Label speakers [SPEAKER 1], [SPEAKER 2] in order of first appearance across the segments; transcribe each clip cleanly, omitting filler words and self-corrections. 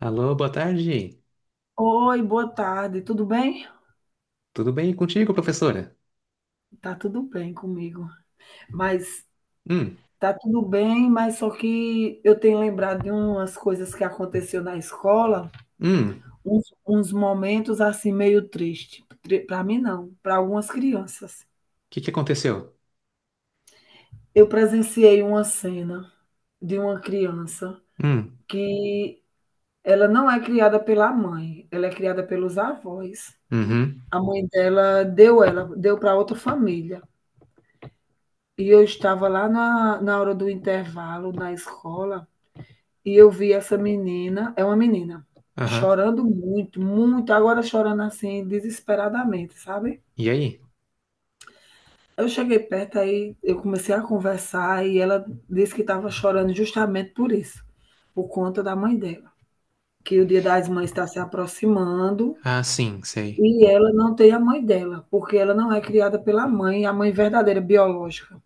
[SPEAKER 1] Alô, boa tarde.
[SPEAKER 2] Oi, boa tarde, tudo bem?
[SPEAKER 1] Tudo bem contigo, professora?
[SPEAKER 2] Tá tudo bem comigo, mas
[SPEAKER 1] Hum,
[SPEAKER 2] tá tudo bem, mas só que eu tenho lembrado de umas coisas que aconteceu na escola,
[SPEAKER 1] o
[SPEAKER 2] uns momentos assim meio triste, para mim não, para algumas crianças.
[SPEAKER 1] que que aconteceu?
[SPEAKER 2] Eu presenciei uma cena de uma criança
[SPEAKER 1] Hum,
[SPEAKER 2] que ela não é criada pela mãe, ela é criada pelos avós.
[SPEAKER 1] uhum,
[SPEAKER 2] A mãe dela deu ela, deu para outra família. E eu estava lá na hora do intervalo na escola e eu vi essa menina, é uma menina,
[SPEAKER 1] aham.
[SPEAKER 2] chorando muito, muito, agora chorando assim, desesperadamente, sabe?
[SPEAKER 1] E aí?
[SPEAKER 2] Eu cheguei perto aí, eu comecei a conversar e ela disse que estava chorando justamente por isso, por conta da mãe dela, que o Dia das Mães está se aproximando
[SPEAKER 1] Ah, sim, sei.
[SPEAKER 2] e ela não tem a mãe dela, porque ela não é criada pela mãe, é a mãe verdadeira biológica.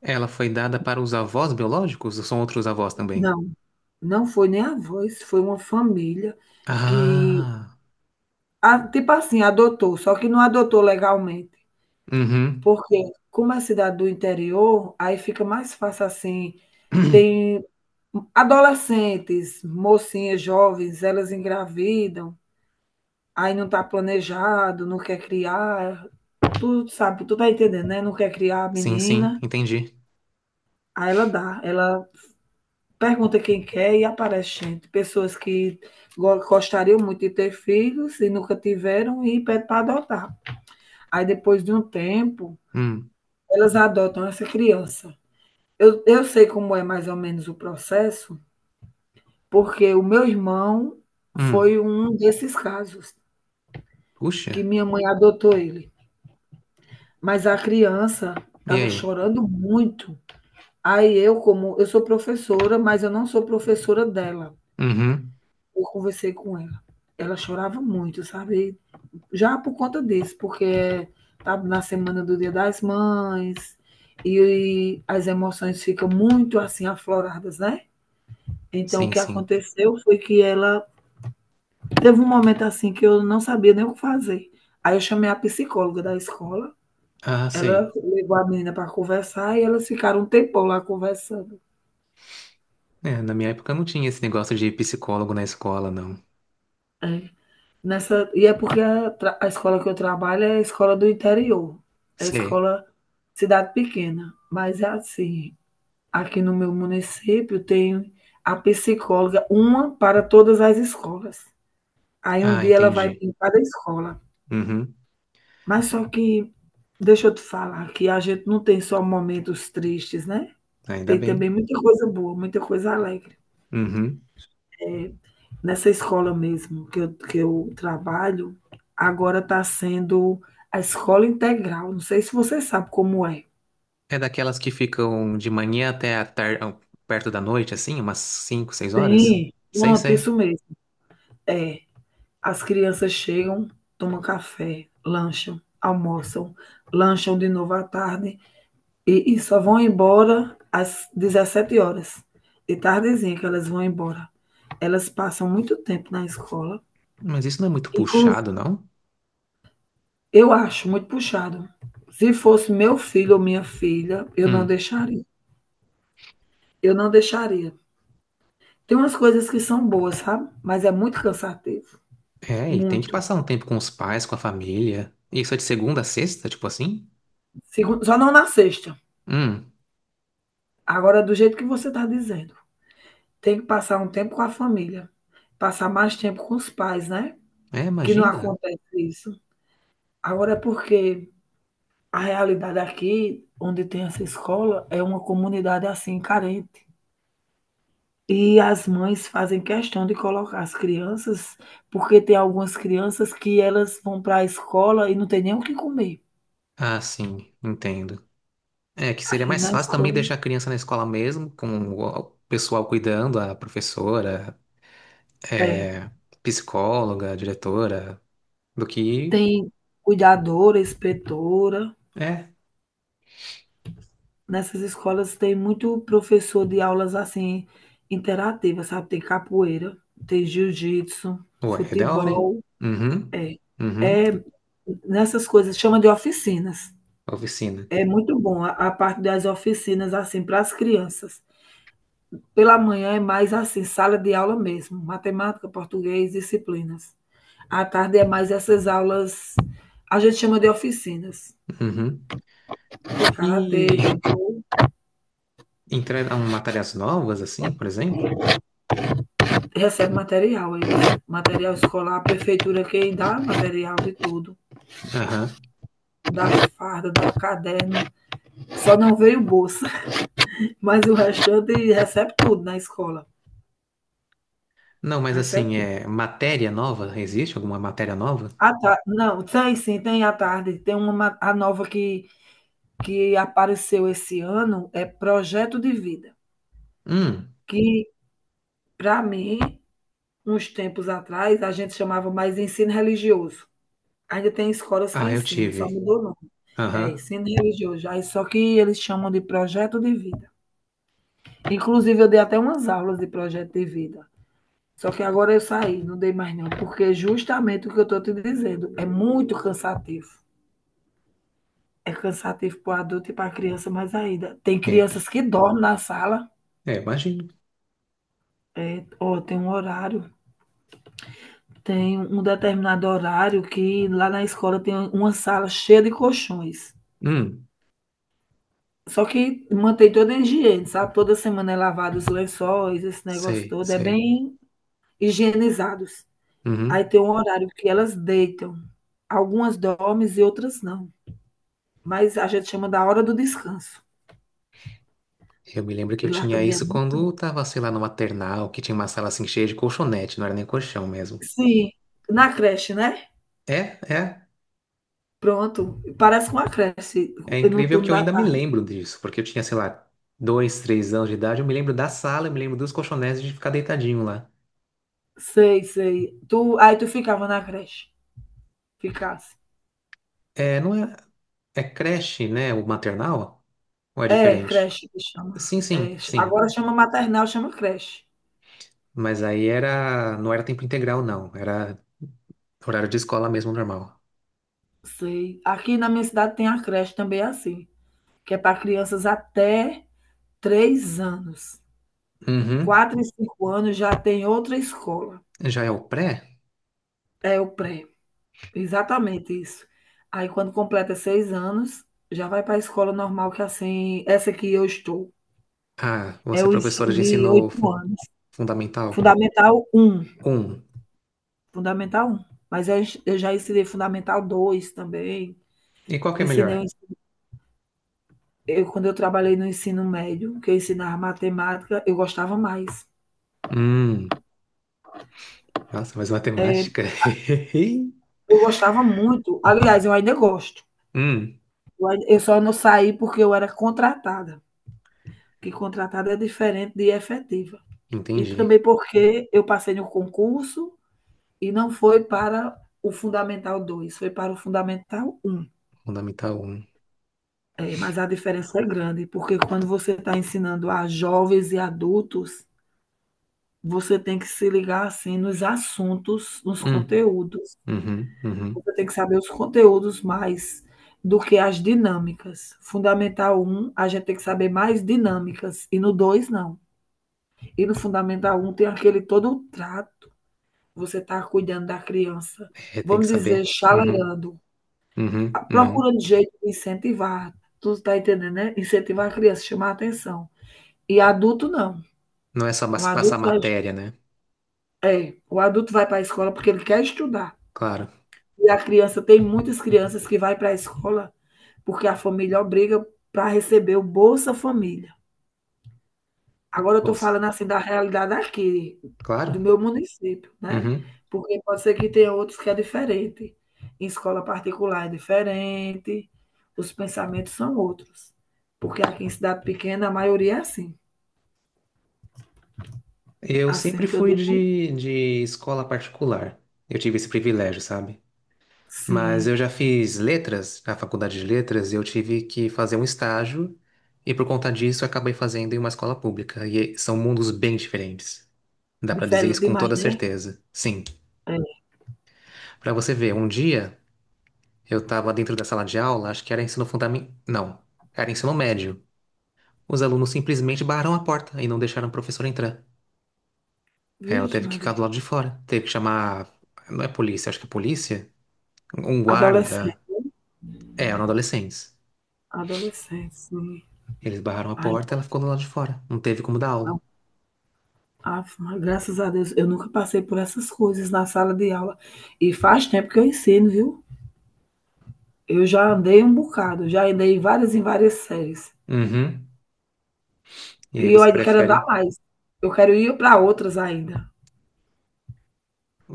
[SPEAKER 1] Ela foi dada para os avós biológicos ou são outros avós também?
[SPEAKER 2] Não. Não foi nem avós, foi uma família que,
[SPEAKER 1] Ah,
[SPEAKER 2] tipo assim, adotou, só que não adotou legalmente.
[SPEAKER 1] uhum.
[SPEAKER 2] Porque, como é cidade do interior, aí fica mais fácil assim. Tem adolescentes, mocinhas jovens, elas engravidam, aí não está planejado, não quer criar, tu sabe, tu tá entendendo, né? Não quer criar a
[SPEAKER 1] Sim, sim,
[SPEAKER 2] menina,
[SPEAKER 1] entendi.
[SPEAKER 2] aí ela dá, ela pergunta quem quer e aparece gente. Pessoas que gostariam muito de ter filhos e nunca tiveram e pede para adotar. Aí depois de um tempo,
[SPEAKER 1] Hum,
[SPEAKER 2] elas adotam essa criança. Eu sei como é mais ou menos o processo, porque o meu irmão
[SPEAKER 1] hum.
[SPEAKER 2] foi um desses casos
[SPEAKER 1] Puxa,
[SPEAKER 2] que minha mãe adotou ele. Mas a criança
[SPEAKER 1] e
[SPEAKER 2] estava
[SPEAKER 1] aí?
[SPEAKER 2] chorando muito. Aí eu, como eu sou professora, mas eu não sou professora dela.
[SPEAKER 1] Uhum,
[SPEAKER 2] Eu conversei com ela, ela chorava muito, sabe? Já por conta disso, porque tá na semana do Dia das Mães e as emoções ficam muito assim afloradas, né? Então o
[SPEAKER 1] sim,
[SPEAKER 2] que
[SPEAKER 1] sim.
[SPEAKER 2] aconteceu foi que ela teve um momento assim que eu não sabia nem o que fazer. Aí eu chamei a psicóloga da escola,
[SPEAKER 1] Ah,
[SPEAKER 2] ela
[SPEAKER 1] sei.
[SPEAKER 2] levou a menina para conversar e elas ficaram um tempão lá conversando.
[SPEAKER 1] É, na minha época não tinha esse negócio de psicólogo na escola, não.
[SPEAKER 2] É. Nessa, e é porque a escola que eu trabalho é a escola do interior, é a
[SPEAKER 1] Sei.
[SPEAKER 2] escola cidade pequena, mas é assim, aqui no meu município tem a psicóloga, uma para todas as escolas. Aí um
[SPEAKER 1] Ah,
[SPEAKER 2] dia ela vai
[SPEAKER 1] entendi.
[SPEAKER 2] em cada escola.
[SPEAKER 1] Uhum,
[SPEAKER 2] Mas só que, deixa eu te falar, que a gente não tem só momentos tristes, né?
[SPEAKER 1] ainda
[SPEAKER 2] Tem
[SPEAKER 1] bem.
[SPEAKER 2] também muita coisa boa, muita coisa alegre.
[SPEAKER 1] Uhum.
[SPEAKER 2] Eh, Nessa escola mesmo que eu trabalho, agora está sendo a escola integral. Não sei se você sabe como é.
[SPEAKER 1] É daquelas que ficam de manhã até a tarde, perto da noite, assim, umas 5, 6 horas?
[SPEAKER 2] Sim,
[SPEAKER 1] Sei,
[SPEAKER 2] pronto,
[SPEAKER 1] sei.
[SPEAKER 2] isso mesmo. É. As crianças chegam, tomam café, lancham, almoçam, lancham de novo à tarde e só vão embora às 17 horas. De tardezinha que elas vão embora. Elas passam muito tempo na escola.
[SPEAKER 1] Mas isso não é muito
[SPEAKER 2] Inclusive,
[SPEAKER 1] puxado, não?
[SPEAKER 2] eu acho muito puxado. Se fosse meu filho ou minha filha, eu não
[SPEAKER 1] Hum.
[SPEAKER 2] deixaria. Eu não deixaria. Tem umas coisas que são boas, sabe? Mas é muito cansativo.
[SPEAKER 1] É, e tem que
[SPEAKER 2] Muito.
[SPEAKER 1] passar um tempo com os pais, com a família. Isso é de segunda a sexta, tipo assim?
[SPEAKER 2] Só não na sexta.
[SPEAKER 1] Hum.
[SPEAKER 2] Agora, do jeito que você está dizendo. Tem que passar um tempo com a família, passar mais tempo com os pais, né?
[SPEAKER 1] É,
[SPEAKER 2] Que não
[SPEAKER 1] imagina.
[SPEAKER 2] acontece isso. Agora é porque a realidade aqui, onde tem essa escola, é uma comunidade assim carente. E as mães fazem questão de colocar as crianças, porque tem algumas crianças que elas vão para a escola e não tem nem o que comer.
[SPEAKER 1] Ah, sim, entendo. É que seria
[SPEAKER 2] Aí
[SPEAKER 1] mais
[SPEAKER 2] na
[SPEAKER 1] fácil também
[SPEAKER 2] escola,
[SPEAKER 1] deixar a criança na escola mesmo, com o pessoal cuidando, a professora,
[SPEAKER 2] é,
[SPEAKER 1] é, psicóloga, diretora, do que.
[SPEAKER 2] tem cuidadora, inspetora,
[SPEAKER 1] É,
[SPEAKER 2] nessas escolas tem muito professor de aulas assim interativas, sabe? Tem capoeira, tem jiu-jitsu,
[SPEAKER 1] ué, é da hora, hein?
[SPEAKER 2] futebol,
[SPEAKER 1] Uhum,
[SPEAKER 2] é.
[SPEAKER 1] uhum,
[SPEAKER 2] Nessas coisas chama de oficinas.
[SPEAKER 1] oficina.
[SPEAKER 2] É muito bom a parte das oficinas assim para as crianças. Pela manhã é mais assim, sala de aula mesmo, matemática, português, disciplinas. À tarde é mais essas aulas, a gente chama de oficinas,
[SPEAKER 1] Uhum.
[SPEAKER 2] de karatê,
[SPEAKER 1] E
[SPEAKER 2] judô,
[SPEAKER 1] entraram matérias novas, assim, por exemplo?
[SPEAKER 2] recebe material, material escolar, a prefeitura que dá material de tudo,
[SPEAKER 1] Aham.
[SPEAKER 2] dá farda, dá caderno, só não veio bolsa, mas o restante recebe tudo na escola,
[SPEAKER 1] Não, mas
[SPEAKER 2] recebe
[SPEAKER 1] assim,
[SPEAKER 2] tudo.
[SPEAKER 1] é matéria nova? Existe alguma matéria nova?
[SPEAKER 2] Não, tem sim, tem à tarde. Tem uma a nova que apareceu esse ano, é Projeto de Vida,
[SPEAKER 1] Hum,
[SPEAKER 2] que para mim, uns tempos atrás, a gente chamava mais ensino religioso. Ainda tem escolas que
[SPEAKER 1] ah, eu
[SPEAKER 2] ensinam, só
[SPEAKER 1] tive.
[SPEAKER 2] mudou o nome. É
[SPEAKER 1] Aham,
[SPEAKER 2] isso, ensino religioso. Aí só que eles chamam de Projeto de Vida. Inclusive, eu dei até umas aulas de Projeto de Vida. Só que agora eu saí, não dei mais não, porque justamente o que eu estou te dizendo é muito cansativo. É cansativo para o adulto e para a criança. Mas ainda. Tem
[SPEAKER 1] é,
[SPEAKER 2] crianças que dormem na sala,
[SPEAKER 1] é, imagino.
[SPEAKER 2] é, ó, tem um horário, tem um determinado horário que lá na escola tem uma sala cheia de colchões.
[SPEAKER 1] Hum,
[SPEAKER 2] Só que mantém toda a higiene, sabe? Toda semana é lavado os lençóis, esse negócio
[SPEAKER 1] sei,
[SPEAKER 2] todo. É
[SPEAKER 1] sei.
[SPEAKER 2] bem higienizados. Aí
[SPEAKER 1] Uhum.
[SPEAKER 2] tem um horário que elas deitam. Algumas dormem e outras não. Mas a gente chama da hora do descanso.
[SPEAKER 1] Eu me lembro que
[SPEAKER 2] E
[SPEAKER 1] eu
[SPEAKER 2] lá
[SPEAKER 1] tinha
[SPEAKER 2] também é
[SPEAKER 1] isso
[SPEAKER 2] muito.
[SPEAKER 1] quando tava, sei lá, no maternal, que tinha uma sala assim cheia de colchonete, não era nem colchão mesmo.
[SPEAKER 2] Sim, na creche, né?
[SPEAKER 1] É, é,
[SPEAKER 2] Pronto, parece com a creche,
[SPEAKER 1] é
[SPEAKER 2] no
[SPEAKER 1] incrível
[SPEAKER 2] turno
[SPEAKER 1] que eu
[SPEAKER 2] da
[SPEAKER 1] ainda me
[SPEAKER 2] tarde.
[SPEAKER 1] lembro disso, porque eu tinha, sei lá, dois, três anos de idade, eu me lembro da sala, eu me lembro dos colchonetes de ficar deitadinho lá.
[SPEAKER 2] Sei, sei. Aí tu ficava na creche, ficasse.
[SPEAKER 1] É, não é, é creche, né? O maternal? Ou é
[SPEAKER 2] É,
[SPEAKER 1] diferente?
[SPEAKER 2] creche que chama.
[SPEAKER 1] Sim, sim,
[SPEAKER 2] É,
[SPEAKER 1] sim.
[SPEAKER 2] agora chama maternal, chama creche.
[SPEAKER 1] Mas aí era, não era tempo integral, não. Era horário de escola mesmo, normal.
[SPEAKER 2] Sei. Aqui na minha cidade tem a creche também é assim, que é para crianças até 3 anos.
[SPEAKER 1] Uhum.
[SPEAKER 2] 4 e 5 anos já tem outra escola.
[SPEAKER 1] Já é o pré?
[SPEAKER 2] É o pré, exatamente isso. Aí quando completa 6 anos, já vai para a escola normal, que é assim, essa que eu estou.
[SPEAKER 1] Ah,
[SPEAKER 2] É
[SPEAKER 1] você é
[SPEAKER 2] o
[SPEAKER 1] professora
[SPEAKER 2] ensino
[SPEAKER 1] de
[SPEAKER 2] de
[SPEAKER 1] ensino
[SPEAKER 2] oito
[SPEAKER 1] fu-
[SPEAKER 2] anos.
[SPEAKER 1] fundamental?
[SPEAKER 2] Fundamental um.
[SPEAKER 1] Um.
[SPEAKER 2] Fundamental um. Mas eu, eu já ensinei Fundamental 2 também.
[SPEAKER 1] E qual que é melhor?
[SPEAKER 2] Ensinei, quando eu trabalhei no ensino médio, que eu ensinava matemática, eu gostava mais.
[SPEAKER 1] Hum, nossa, mas matemática.
[SPEAKER 2] Eu gostava muito. Aliás, eu ainda gosto.
[SPEAKER 1] Hum,
[SPEAKER 2] Eu eu só não saí porque eu era contratada. Que contratada é diferente de efetiva. E
[SPEAKER 1] entendi.
[SPEAKER 2] também porque eu passei no concurso e não foi para o Fundamental dois, foi para o Fundamental um.
[SPEAKER 1] Fundamental um.
[SPEAKER 2] É, mas a diferença é grande, porque quando você está ensinando a jovens e adultos, você tem que se ligar assim nos assuntos, nos
[SPEAKER 1] Hum,
[SPEAKER 2] conteúdos.
[SPEAKER 1] uhum, uhum.
[SPEAKER 2] Você tem que saber os conteúdos mais do que as dinâmicas. Fundamental um a gente tem que saber mais dinâmicas, e no 2 não. E no Fundamental um tem aquele todo o trato. Você está cuidando da criança,
[SPEAKER 1] É, tem que
[SPEAKER 2] vamos dizer,
[SPEAKER 1] saber. Uhum,
[SPEAKER 2] chalerando,
[SPEAKER 1] uhum, uhum.
[SPEAKER 2] procurando jeito de incentivar. Tu está entendendo, né? Incentivar a criança, chamar a atenção. E adulto não.
[SPEAKER 1] Não é só
[SPEAKER 2] O
[SPEAKER 1] mas- passar
[SPEAKER 2] adulto vai,
[SPEAKER 1] matéria, né?
[SPEAKER 2] é, o adulto vai para a escola porque ele quer estudar.
[SPEAKER 1] Claro.
[SPEAKER 2] E a criança, tem muitas crianças que vai para a escola porque a família obriga para receber o Bolsa Família. Agora eu estou
[SPEAKER 1] Bolsa.
[SPEAKER 2] falando assim da realidade aqui, do
[SPEAKER 1] Claro.
[SPEAKER 2] meu município, né?
[SPEAKER 1] Uhum.
[SPEAKER 2] Porque pode ser que tenha outros que é diferente. Em escola particular é diferente, os pensamentos são outros. Porque aqui em cidade pequena a maioria é assim.
[SPEAKER 1] Eu sempre
[SPEAKER 2] Assim que eu
[SPEAKER 1] fui
[SPEAKER 2] digo,
[SPEAKER 1] de escola particular. Eu tive esse privilégio, sabe? Mas
[SPEAKER 2] sim.
[SPEAKER 1] eu já fiz letras, na faculdade de letras, e eu tive que fazer um estágio, e por conta disso eu acabei fazendo em uma escola pública. E são mundos bem diferentes. Dá pra dizer
[SPEAKER 2] Diferente
[SPEAKER 1] isso com
[SPEAKER 2] demais,
[SPEAKER 1] toda
[SPEAKER 2] né?
[SPEAKER 1] certeza. Sim.
[SPEAKER 2] É.
[SPEAKER 1] Pra você ver, um dia. Eu estava dentro da sala de aula, acho que era ensino fundamental. Não, era ensino médio. Os alunos simplesmente barraram a porta e não deixaram o professor entrar. Aí ela
[SPEAKER 2] Vixe,
[SPEAKER 1] teve que ficar do
[SPEAKER 2] Maria.
[SPEAKER 1] lado de fora. Teve que chamar. Não é polícia, acho que é polícia? Um
[SPEAKER 2] Adolescente.
[SPEAKER 1] guarda. É, eram adolescentes.
[SPEAKER 2] Adolescente, sim.
[SPEAKER 1] Eles barraram a
[SPEAKER 2] Ai,
[SPEAKER 1] porta, ela ficou do lado de fora. Não teve como dar aula.
[SPEAKER 2] não. Ave Maria, graças a Deus, eu nunca passei por essas coisas na sala de aula. E faz tempo que eu ensino, viu? Eu já andei um bocado, já andei em várias séries.
[SPEAKER 1] Uhum. E aí
[SPEAKER 2] E eu
[SPEAKER 1] você
[SPEAKER 2] ainda quero andar
[SPEAKER 1] prefere.
[SPEAKER 2] mais. Eu quero ir para outras ainda.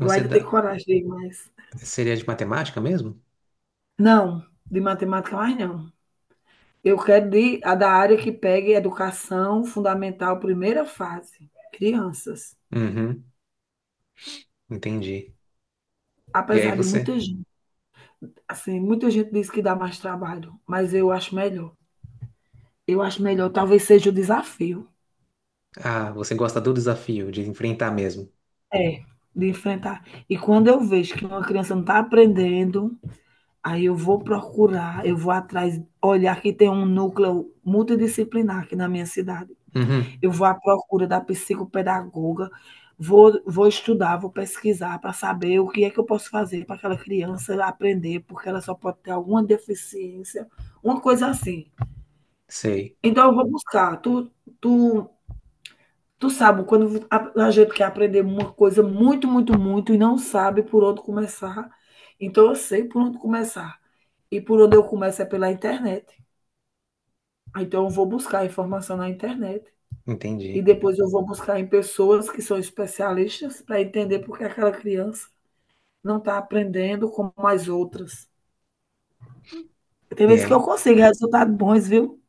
[SPEAKER 2] Eu ainda tenho
[SPEAKER 1] dá.
[SPEAKER 2] coragem de ir mais.
[SPEAKER 1] Seria de matemática mesmo?
[SPEAKER 2] Não, de matemática mais não. Eu quero de, a da área que pegue educação fundamental, primeira fase, crianças.
[SPEAKER 1] Uhum. Entendi. E aí
[SPEAKER 2] Apesar de
[SPEAKER 1] você.
[SPEAKER 2] muita gente, assim, muita gente diz que dá mais trabalho, mas eu acho melhor. Eu acho melhor, talvez seja o desafio.
[SPEAKER 1] Ah, você gosta do desafio, de enfrentar mesmo.
[SPEAKER 2] É, de enfrentar. E quando eu vejo que uma criança não está aprendendo, aí eu vou procurar, eu vou atrás, olhar que tem um núcleo multidisciplinar aqui na minha cidade.
[SPEAKER 1] Uhum.
[SPEAKER 2] Eu vou à procura da psicopedagoga, vou estudar, vou pesquisar para saber o que é que eu posso fazer para aquela criança aprender, porque ela só pode ter alguma deficiência, uma coisa assim.
[SPEAKER 1] Sei.
[SPEAKER 2] Então eu vou buscar. Tu Tu sabe, quando a gente quer aprender uma coisa muito, muito, muito e não sabe por onde começar, então eu sei por onde começar. E por onde eu começo é pela internet. Então eu vou buscar informação na internet e
[SPEAKER 1] Entendi.
[SPEAKER 2] depois eu vou buscar em pessoas que são especialistas para entender por que aquela criança não está aprendendo como as outras. Tem
[SPEAKER 1] E
[SPEAKER 2] vezes que eu
[SPEAKER 1] aí?
[SPEAKER 2] consigo resultados bons, viu?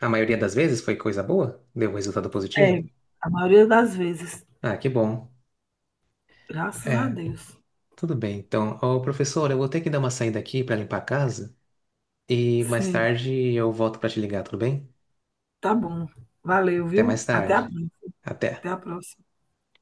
[SPEAKER 1] A maioria das vezes foi coisa boa? Deu resultado positivo?
[SPEAKER 2] É, a maioria das vezes.
[SPEAKER 1] Ah, que bom.
[SPEAKER 2] Graças a
[SPEAKER 1] É,
[SPEAKER 2] Deus.
[SPEAKER 1] tudo bem. Então, ô professor, eu vou ter que dar uma saída aqui para limpar a casa e mais
[SPEAKER 2] Sim,
[SPEAKER 1] tarde eu volto para te ligar, tudo bem?
[SPEAKER 2] tá bom. Valeu,
[SPEAKER 1] Até
[SPEAKER 2] viu?
[SPEAKER 1] mais
[SPEAKER 2] Até a,
[SPEAKER 1] tarde.
[SPEAKER 2] próxima. Até
[SPEAKER 1] Até.
[SPEAKER 2] a próxima.